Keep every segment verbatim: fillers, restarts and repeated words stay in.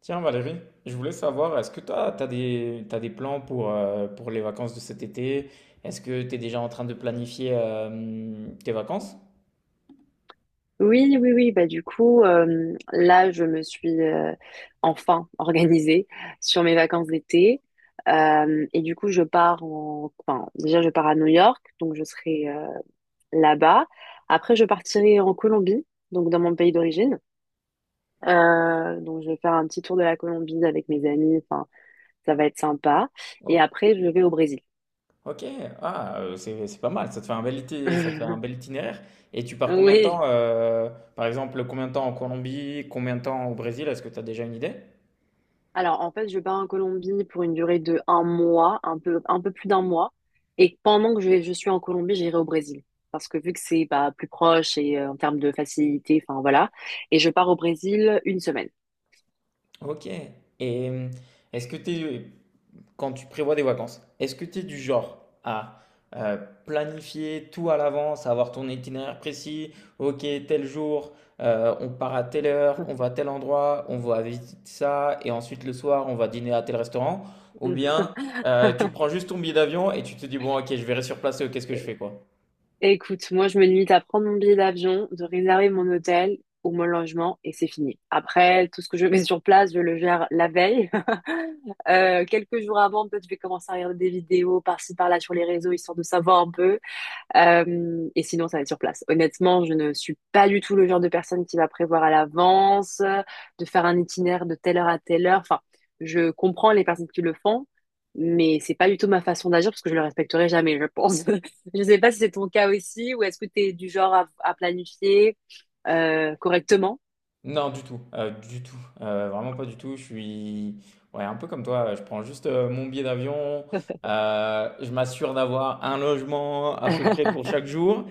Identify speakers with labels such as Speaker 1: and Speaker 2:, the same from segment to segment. Speaker 1: Tiens Valérie, je voulais savoir, est-ce que toi, t'as des, t'as des plans pour, euh, pour les vacances de cet été? Est-ce que tu es déjà en train de planifier euh, tes vacances?
Speaker 2: Oui, oui, oui. Bah, du coup, euh, là, je me suis euh, enfin organisée sur mes vacances d'été. Euh, et du coup, je pars en... Enfin, déjà, je pars à New York, donc je serai euh, là-bas. Après, je partirai en Colombie, donc dans mon pays d'origine. Euh, donc, je vais faire un petit tour de la Colombie avec mes amis. Enfin, ça va être sympa. Et
Speaker 1: Oh,
Speaker 2: après, je vais au Brésil.
Speaker 1: ok, ah, euh, c'est, c'est pas mal, ça te fait un bel été, ça te fait un bel itinéraire. Et tu pars combien de temps,
Speaker 2: Oui.
Speaker 1: euh, par exemple, combien de temps en Colombie, combien de temps au Brésil? Est-ce que tu as déjà une idée?
Speaker 2: Alors, en fait, je pars en Colombie pour une durée de un mois, un peu, un peu plus d'un mois. Et pendant que je, je suis en Colombie, j'irai au Brésil. Parce que vu que c'est bah, plus proche et euh, en termes de facilité, enfin voilà. Et je pars au Brésil une semaine.
Speaker 1: Ok. Et euh, est-ce que tu quand tu prévois des vacances, est-ce que tu es du genre à euh, planifier tout à l'avance, avoir ton itinéraire précis, ok, tel jour, euh, on part à telle heure, on va à tel endroit, on va visiter ça, et ensuite le soir, on va dîner à tel restaurant, ou
Speaker 2: Mm.
Speaker 1: bien euh, tu prends juste ton billet d'avion et tu te dis, bon, ok, je verrai sur place, euh, qu'est-ce que je fais, quoi.
Speaker 2: Écoute, moi, je me limite à prendre mon billet d'avion, de réserver mon hôtel ou mon logement, et c'est fini. Après, tout ce que je mets sur place, je le gère la veille. Euh, quelques jours avant, peut-être je vais commencer à regarder des vidéos par-ci, par-là sur les réseaux, histoire de savoir un peu. Euh, et sinon, ça va être sur place. Honnêtement, je ne suis pas du tout le genre de personne qui va prévoir à l'avance, euh, de faire un itinéraire de telle heure à telle heure. Enfin, je comprends les personnes qui le font, mais c'est pas du tout ma façon d'agir parce que je le respecterai jamais, je pense. Je sais pas si c'est ton cas aussi, ou est-ce que tu es du genre à, à planifier euh, correctement.
Speaker 1: Non, du tout, heu, du tout, heu, vraiment pas du tout. Je suis ouais, un peu comme toi, je prends juste, heu, mon billet d'avion, heu, je m'assure d'avoir un logement à peu près pour chaque jour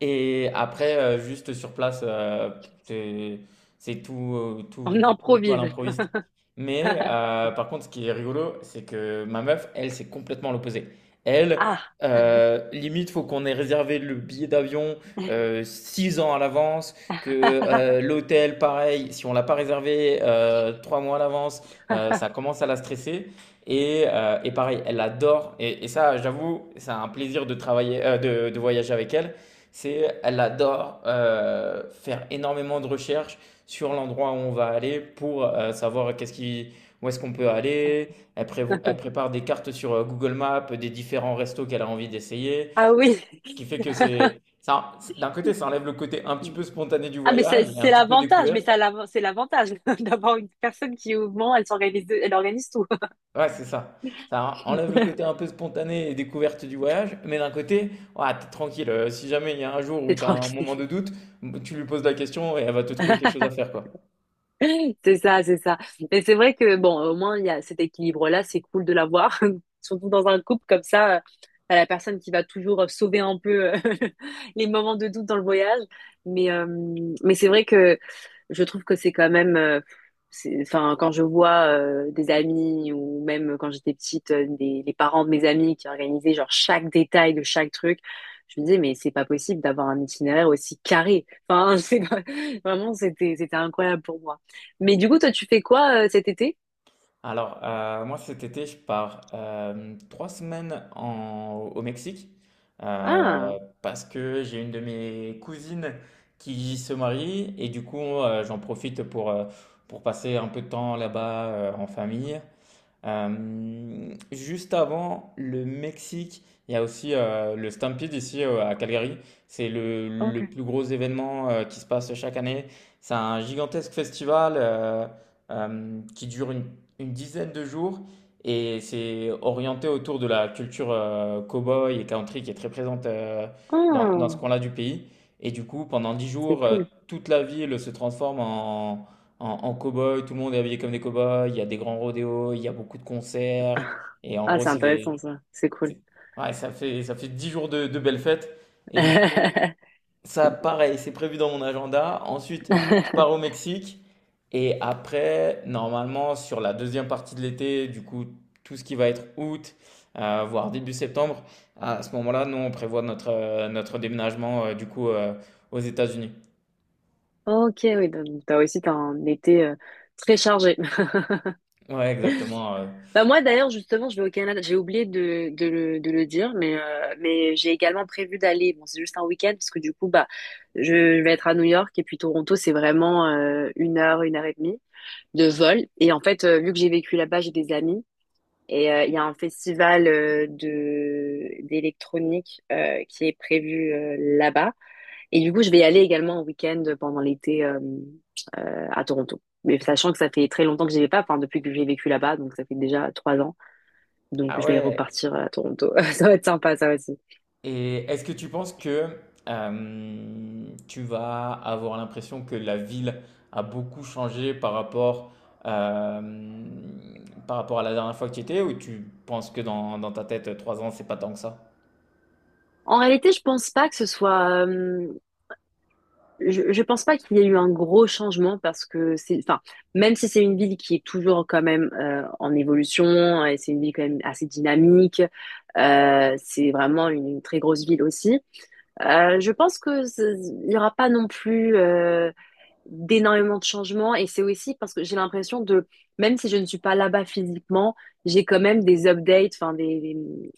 Speaker 1: et après, heu, juste sur place, heu, c'est c'est tout, heu,
Speaker 2: On
Speaker 1: tout tout tout à
Speaker 2: improvise.
Speaker 1: l'improviste. Mais heu, par contre, ce qui est rigolo, c'est que ma meuf, elle, c'est complètement l'opposé. Elle,
Speaker 2: Ah,
Speaker 1: heu, limite, faut qu'on ait réservé le billet d'avion, heu, 6 ans à l'avance, que euh, l'hôtel, pareil, si on l'a pas réservé euh, trois mois à l'avance, euh, ça commence à la stresser. Et, euh, et pareil, elle adore. Et, et ça, j'avoue, c'est un plaisir de travailler, euh, de, de voyager avec elle. C'est, elle adore euh, faire énormément de recherches sur l'endroit où on va aller pour euh, savoir qu'est-ce qui, où est-ce qu'on peut aller. Elle, prévo- elle prépare des cartes sur euh, Google Maps des différents restos qu'elle a envie d'essayer.
Speaker 2: ah oui.
Speaker 1: Ce qui fait que c'est, ça, d'un côté, ça enlève le côté un petit peu spontané du
Speaker 2: Ah, mais c'est
Speaker 1: voyage et un
Speaker 2: c'est
Speaker 1: petit peu
Speaker 2: l'avantage, mais
Speaker 1: découverte.
Speaker 2: ça, l'av- c'est l'avantage d'avoir une personne qui, au moment, elle s'organise, elle organise tout.
Speaker 1: Ouais, c'est ça. Ça enlève le côté un peu spontané et découverte du voyage, mais d'un côté, ouais, t'es tranquille. Euh, Si jamais il y a un jour
Speaker 2: C'est
Speaker 1: où t'as un
Speaker 2: tranquille.
Speaker 1: moment de doute, tu lui poses la question et elle va te trouver quelque chose à faire, quoi.
Speaker 2: C'est ça, c'est ça. Mais c'est vrai que, bon, au moins, il y a cet équilibre-là, c'est cool de l'avoir, surtout dans un couple comme ça, euh, t'as la personne qui va toujours euh, sauver un peu euh, les moments de doute dans le voyage. Mais, euh, mais c'est vrai que je trouve que c'est quand même, euh, c'est- enfin, quand je vois euh, des amis, ou même quand j'étais petite, euh, des, les parents de mes amis qui organisaient genre chaque détail de chaque truc, je me disais, mais c'est pas possible d'avoir un itinéraire aussi carré. Enfin, c'est pas- vraiment, c'était, c'était incroyable pour moi. Mais du coup, toi, tu fais quoi euh, cet été?
Speaker 1: Alors, euh, moi cet été, je pars euh, trois semaines en- au Mexique
Speaker 2: Ah,
Speaker 1: euh, parce que j'ai une de mes cousines qui se marie et du coup, euh, j'en profite pour, euh, pour passer un peu de temps là-bas euh, en famille. Euh, juste avant le Mexique, il y a aussi euh, le Stampede ici euh, à Calgary. C'est le, le
Speaker 2: ok.
Speaker 1: plus gros événement euh, qui se passe chaque année. C'est un gigantesque festival euh, euh, qui dure une, une dizaine de jours et c'est orienté autour de la culture euh, boy et country qui est très présente euh, dans, dans ce
Speaker 2: Oh,
Speaker 1: coin-là du pays. Et du coup, pendant dix
Speaker 2: c'est
Speaker 1: jours, euh,
Speaker 2: cool.
Speaker 1: toute la ville se transforme en, en, en cow-boy, tout le monde est habillé comme des cow-boys, il y a des grands rodéos, il y a beaucoup de concerts, et en
Speaker 2: Ah,
Speaker 1: gros,
Speaker 2: c'est
Speaker 1: c'est des...
Speaker 2: intéressant ça. C'est cool.
Speaker 1: c'est- ouais, ça fait, ça fait dix jours de, de belles fêtes, et du coup, ça, pareil, c'est prévu dans mon agenda. Ensuite, je pars au Mexique, et après, normalement, sur la deuxième partie de l'été, du coup, tout ce qui va être août, euh, voire début septembre, à ce moment-là, nous, on prévoit notre, euh, notre déménagement, euh, du coup, euh, aux États-Unis.
Speaker 2: Ok, oui, donc t'as aussi t'as un été euh, très chargé.
Speaker 1: Ouais, exactement. euh.
Speaker 2: Bah moi, d'ailleurs, justement, je vais au Canada. J'ai oublié de, de, le, de le dire, mais, euh, mais j'ai également prévu d'aller. Bon, c'est juste un week-end parce que du coup, bah, je vais être à New York, et puis Toronto, c'est vraiment euh, une heure, une heure et demie de vol. Et en fait, euh, vu que j'ai vécu là-bas, j'ai des amis. Et euh, il y a un festival euh, de d'électronique euh, qui est prévu euh, là-bas. Et du coup, je vais y aller également en week-end pendant l'été, euh, euh, à Toronto. Mais sachant que ça fait très longtemps que j'y vais pas, enfin depuis que j'ai vécu là-bas, donc ça fait déjà trois ans. Donc
Speaker 1: Ah
Speaker 2: je vais
Speaker 1: ouais.
Speaker 2: repartir à Toronto. Ça va être sympa, ça aussi.
Speaker 1: Et est-ce que tu penses que euh, tu vas avoir l'impression que la ville a beaucoup changé par rapport, euh, par rapport à la dernière fois que tu y étais ou tu penses que dans, dans ta tête, trois ans, c'est pas tant que ça?
Speaker 2: En réalité, je pense pas que ce soit. Euh, Je, je pense pas qu'il y ait eu un gros changement, parce que c'est, enfin, même si c'est une ville qui est toujours quand même euh, en évolution, et c'est une ville quand même assez dynamique, euh, c'est vraiment une, une très grosse ville aussi. Euh, je pense que c'est- il n'y aura pas non plus euh, d'énormément de changements, et c'est aussi parce que j'ai l'impression, de, même si je ne suis pas là-bas physiquement, j'ai quand même des updates, enfin des, des-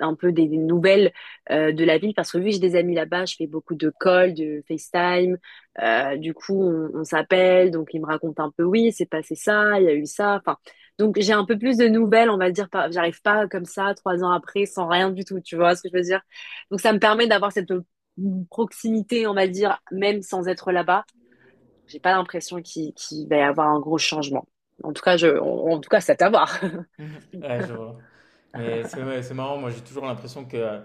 Speaker 2: un peu des, des nouvelles euh, de la ville, parce que vu que j'ai des amis là-bas, je fais beaucoup de calls, de FaceTime. Euh, du coup, on, on s'appelle, donc ils me racontent un peu, oui, c'est passé ça, il y a eu ça. Enfin, donc j'ai un peu plus de nouvelles, on va dire. par- J'arrive pas comme ça trois ans après sans rien du tout. Tu vois ce que je veux dire? Donc ça me permet d'avoir cette proximité, on va dire, même sans être là-bas. J'ai pas l'impression qu'il qu'il va y avoir un gros changement. En tout cas, je, en, en tout cas, c'est à voir.
Speaker 1: Ouais, je vois. Mais c'est, ouais, c'est marrant, moi j'ai toujours l'impression que euh,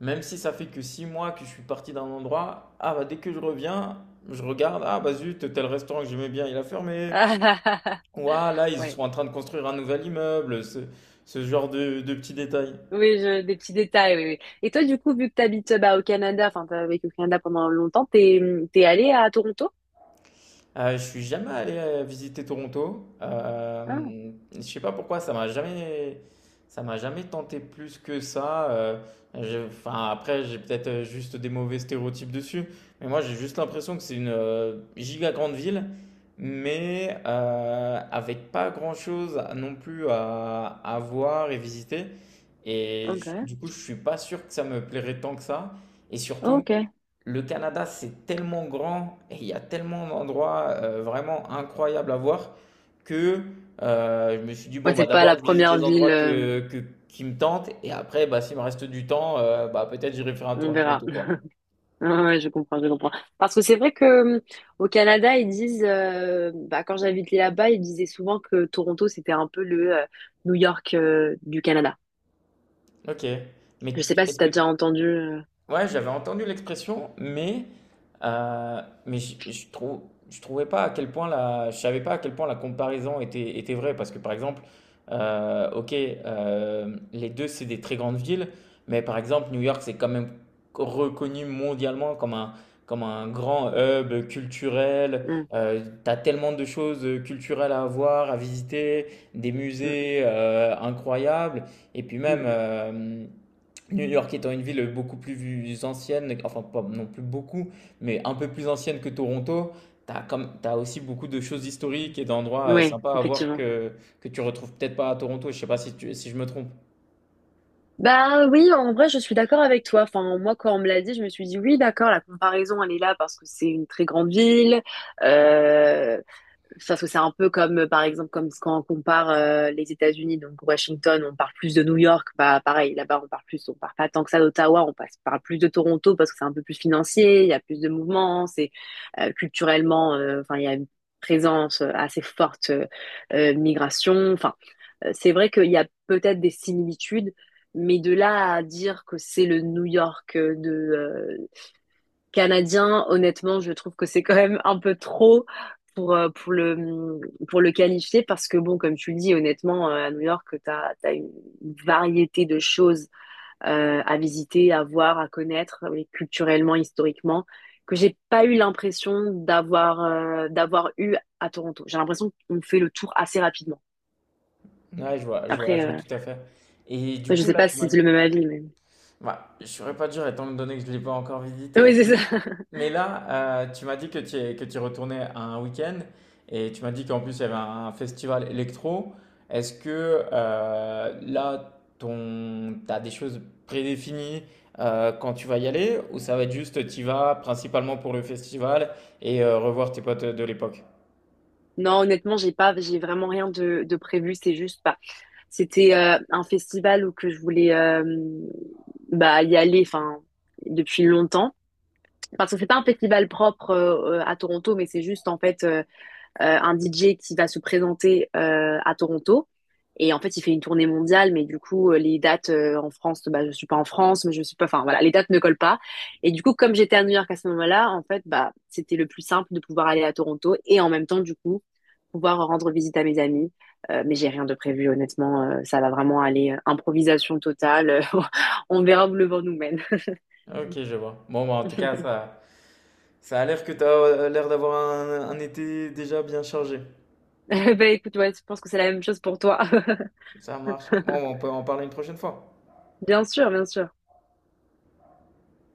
Speaker 1: même si ça fait que six mois que je suis parti d'un endroit, ah bah dès que je reviens, je regarde, ah bah zut, tel restaurant que j'aimais bien, il a fermé. Ouah, là, ils
Speaker 2: Ouais.
Speaker 1: sont en train de construire un nouvel immeuble, ce, ce genre de, de petits détails.
Speaker 2: Oui, je, des petits détails, oui, oui. Et toi, du coup, vu que tu habites bah, au Canada, enfin, tu as vécu au Canada pendant longtemps, t'es, t'es allé à Toronto?
Speaker 1: Euh, je suis jamais allé euh, visiter Toronto.
Speaker 2: Ah,
Speaker 1: Euh, je sais pas pourquoi ça m'a jamais ça m'a jamais tenté plus que ça. Euh, je- enfin après j'ai peut-être euh, juste des mauvais stéréotypes dessus, mais moi j'ai juste l'impression que c'est une euh, giga grande ville, mais euh, avec pas grand-chose à- non plus à, à voir et visiter. Et je-
Speaker 2: ok,
Speaker 1: du coup je suis pas sûr que ça me plairait tant que ça. Et surtout
Speaker 2: ok.
Speaker 1: le Canada, c'est tellement grand et il y a tellement d'endroits euh, vraiment incroyables à voir que euh, je me suis dit, bon,
Speaker 2: Ouais, c'est
Speaker 1: bah,
Speaker 2: pas la
Speaker 1: d'abord, je visite
Speaker 2: première
Speaker 1: les
Speaker 2: ville,
Speaker 1: endroits
Speaker 2: euh,
Speaker 1: que, que- qui me tentent et après, bah, s'il me reste du temps, euh, bah, peut-être j'irai faire un tour
Speaker 2: on
Speaker 1: à
Speaker 2: verra.
Speaker 1: Toronto, quoi.
Speaker 2: Ouais, ouais, je comprends, je comprends. Parce que c'est vrai que euh, au Canada, ils disent, euh, bah, quand j'habitais là-bas, ils disaient souvent que Toronto, c'était un peu le euh, New York euh, du Canada.
Speaker 1: Ok.
Speaker 2: Je
Speaker 1: Mais
Speaker 2: sais
Speaker 1: tu-
Speaker 2: pas si
Speaker 1: est-ce
Speaker 2: t'as
Speaker 1: que
Speaker 2: déjà entendu. euh,
Speaker 1: Ouais, j'avais entendu l'expression, mais, euh, mais je, je trou- je trouvais pas à quel point la, je savais pas à quel point la comparaison était, était vraie. Parce que par exemple, euh, ok, euh, les deux c'est des très grandes villes, mais par exemple, New York c'est quand même reconnu mondialement comme un, comme un grand hub culturel.
Speaker 2: mm,
Speaker 1: Euh, t'as tellement de choses culturelles à voir, à visiter, des
Speaker 2: mm,
Speaker 1: musées euh, incroyables, et puis même.
Speaker 2: mm.
Speaker 1: euh, New York étant une ville beaucoup plus ancienne, enfin pas non plus beaucoup, mais un peu plus ancienne que Toronto, t'as comme, t'as aussi beaucoup de choses historiques et d'endroits euh,
Speaker 2: Ouais,
Speaker 1: sympas à voir
Speaker 2: effectivement.
Speaker 1: que, que tu retrouves peut-être pas à Toronto. Je sais pas si tu, si je me trompe.
Speaker 2: Bah oui, en vrai, je suis d'accord avec toi. Enfin, moi, quand on me l'a dit, je me suis dit oui, d'accord, la comparaison, elle est là parce que c'est une très grande ville. Euh, parce que c'est un peu comme, euh, par exemple, comme quand on compare euh, les États-Unis, donc Washington, on parle plus de New York, bah pareil, là-bas on parle plus, on parle pas tant que ça d'Ottawa, on passe, parle plus de Toronto parce que c'est un peu plus financier, il y a plus de mouvements, c'est euh, culturellement, euh, enfin il y a une présence euh, assez forte, euh, euh, migration, enfin euh, c'est vrai qu'il y a peut-être des similitudes, mais de là à dire que c'est le New York de euh, canadien, honnêtement, je trouve que c'est quand même un peu trop pour, euh, pour le, pour le qualifier, parce que, bon, comme tu le dis, honnêtement, euh, à New York, tu as une variété de choses euh, à visiter, à voir, à connaître, mais culturellement, historiquement, que j'ai pas eu l'impression d'avoir euh, d'avoir eu à Toronto. J'ai l'impression qu'on fait le tour assez rapidement.
Speaker 1: Ouais, je vois, je vois,
Speaker 2: Après,
Speaker 1: je vois
Speaker 2: euh,
Speaker 1: tout à fait. Et du
Speaker 2: après, je
Speaker 1: coup,
Speaker 2: sais
Speaker 1: là,
Speaker 2: pas
Speaker 1: tu
Speaker 2: si
Speaker 1: m'as...
Speaker 2: c'est le même avis, mais...
Speaker 1: Bah, je saurais pas dire étant donné que je ne l'ai pas encore visité,
Speaker 2: Oui, c'est ça.
Speaker 1: mais, mais là, euh, tu m'as dit que tu es, que tu retournais à un week-end et tu m'as dit qu'en plus il y avait un festival électro. Est-ce que euh, là, ton, t'as des choses prédéfinies euh, quand tu vas y aller ou ça va être juste tu y vas principalement pour le festival et euh, revoir tes potes de l'époque?
Speaker 2: Non, honnêtement, j'ai pas, j'ai vraiment rien de, de prévu. C'est juste, bah, C'était euh, un festival où que je voulais euh, bah, y aller enfin depuis longtemps. Parce que c'est pas un festival propre euh, euh, à Toronto, mais c'est juste en fait euh, euh, un D J qui va se présenter euh, à Toronto. Et en fait, il fait une tournée mondiale, mais du coup, euh, les dates euh, en France, bah, je suis pas en France, mais je suis pas, enfin voilà, les dates ne collent pas. Et du coup, comme j'étais à New York à ce moment-là, en fait, bah, c'était le plus simple de pouvoir aller à Toronto et en même temps, du coup, pouvoir rendre visite à mes amis. Euh, mais j'ai rien de prévu, honnêtement, euh, ça va vraiment aller euh, improvisation totale. euh, On verra où le vent nous mène.
Speaker 1: Ok, je vois. Bon, bah, en tout cas, ça, ça, a l'air que tu as l'air d'avoir un un été déjà bien chargé.
Speaker 2: bah écoute, ouais, je pense que c'est la même chose pour toi.
Speaker 1: Ça marche. Bon, on peut en parler une prochaine fois.
Speaker 2: bien sûr, bien sûr.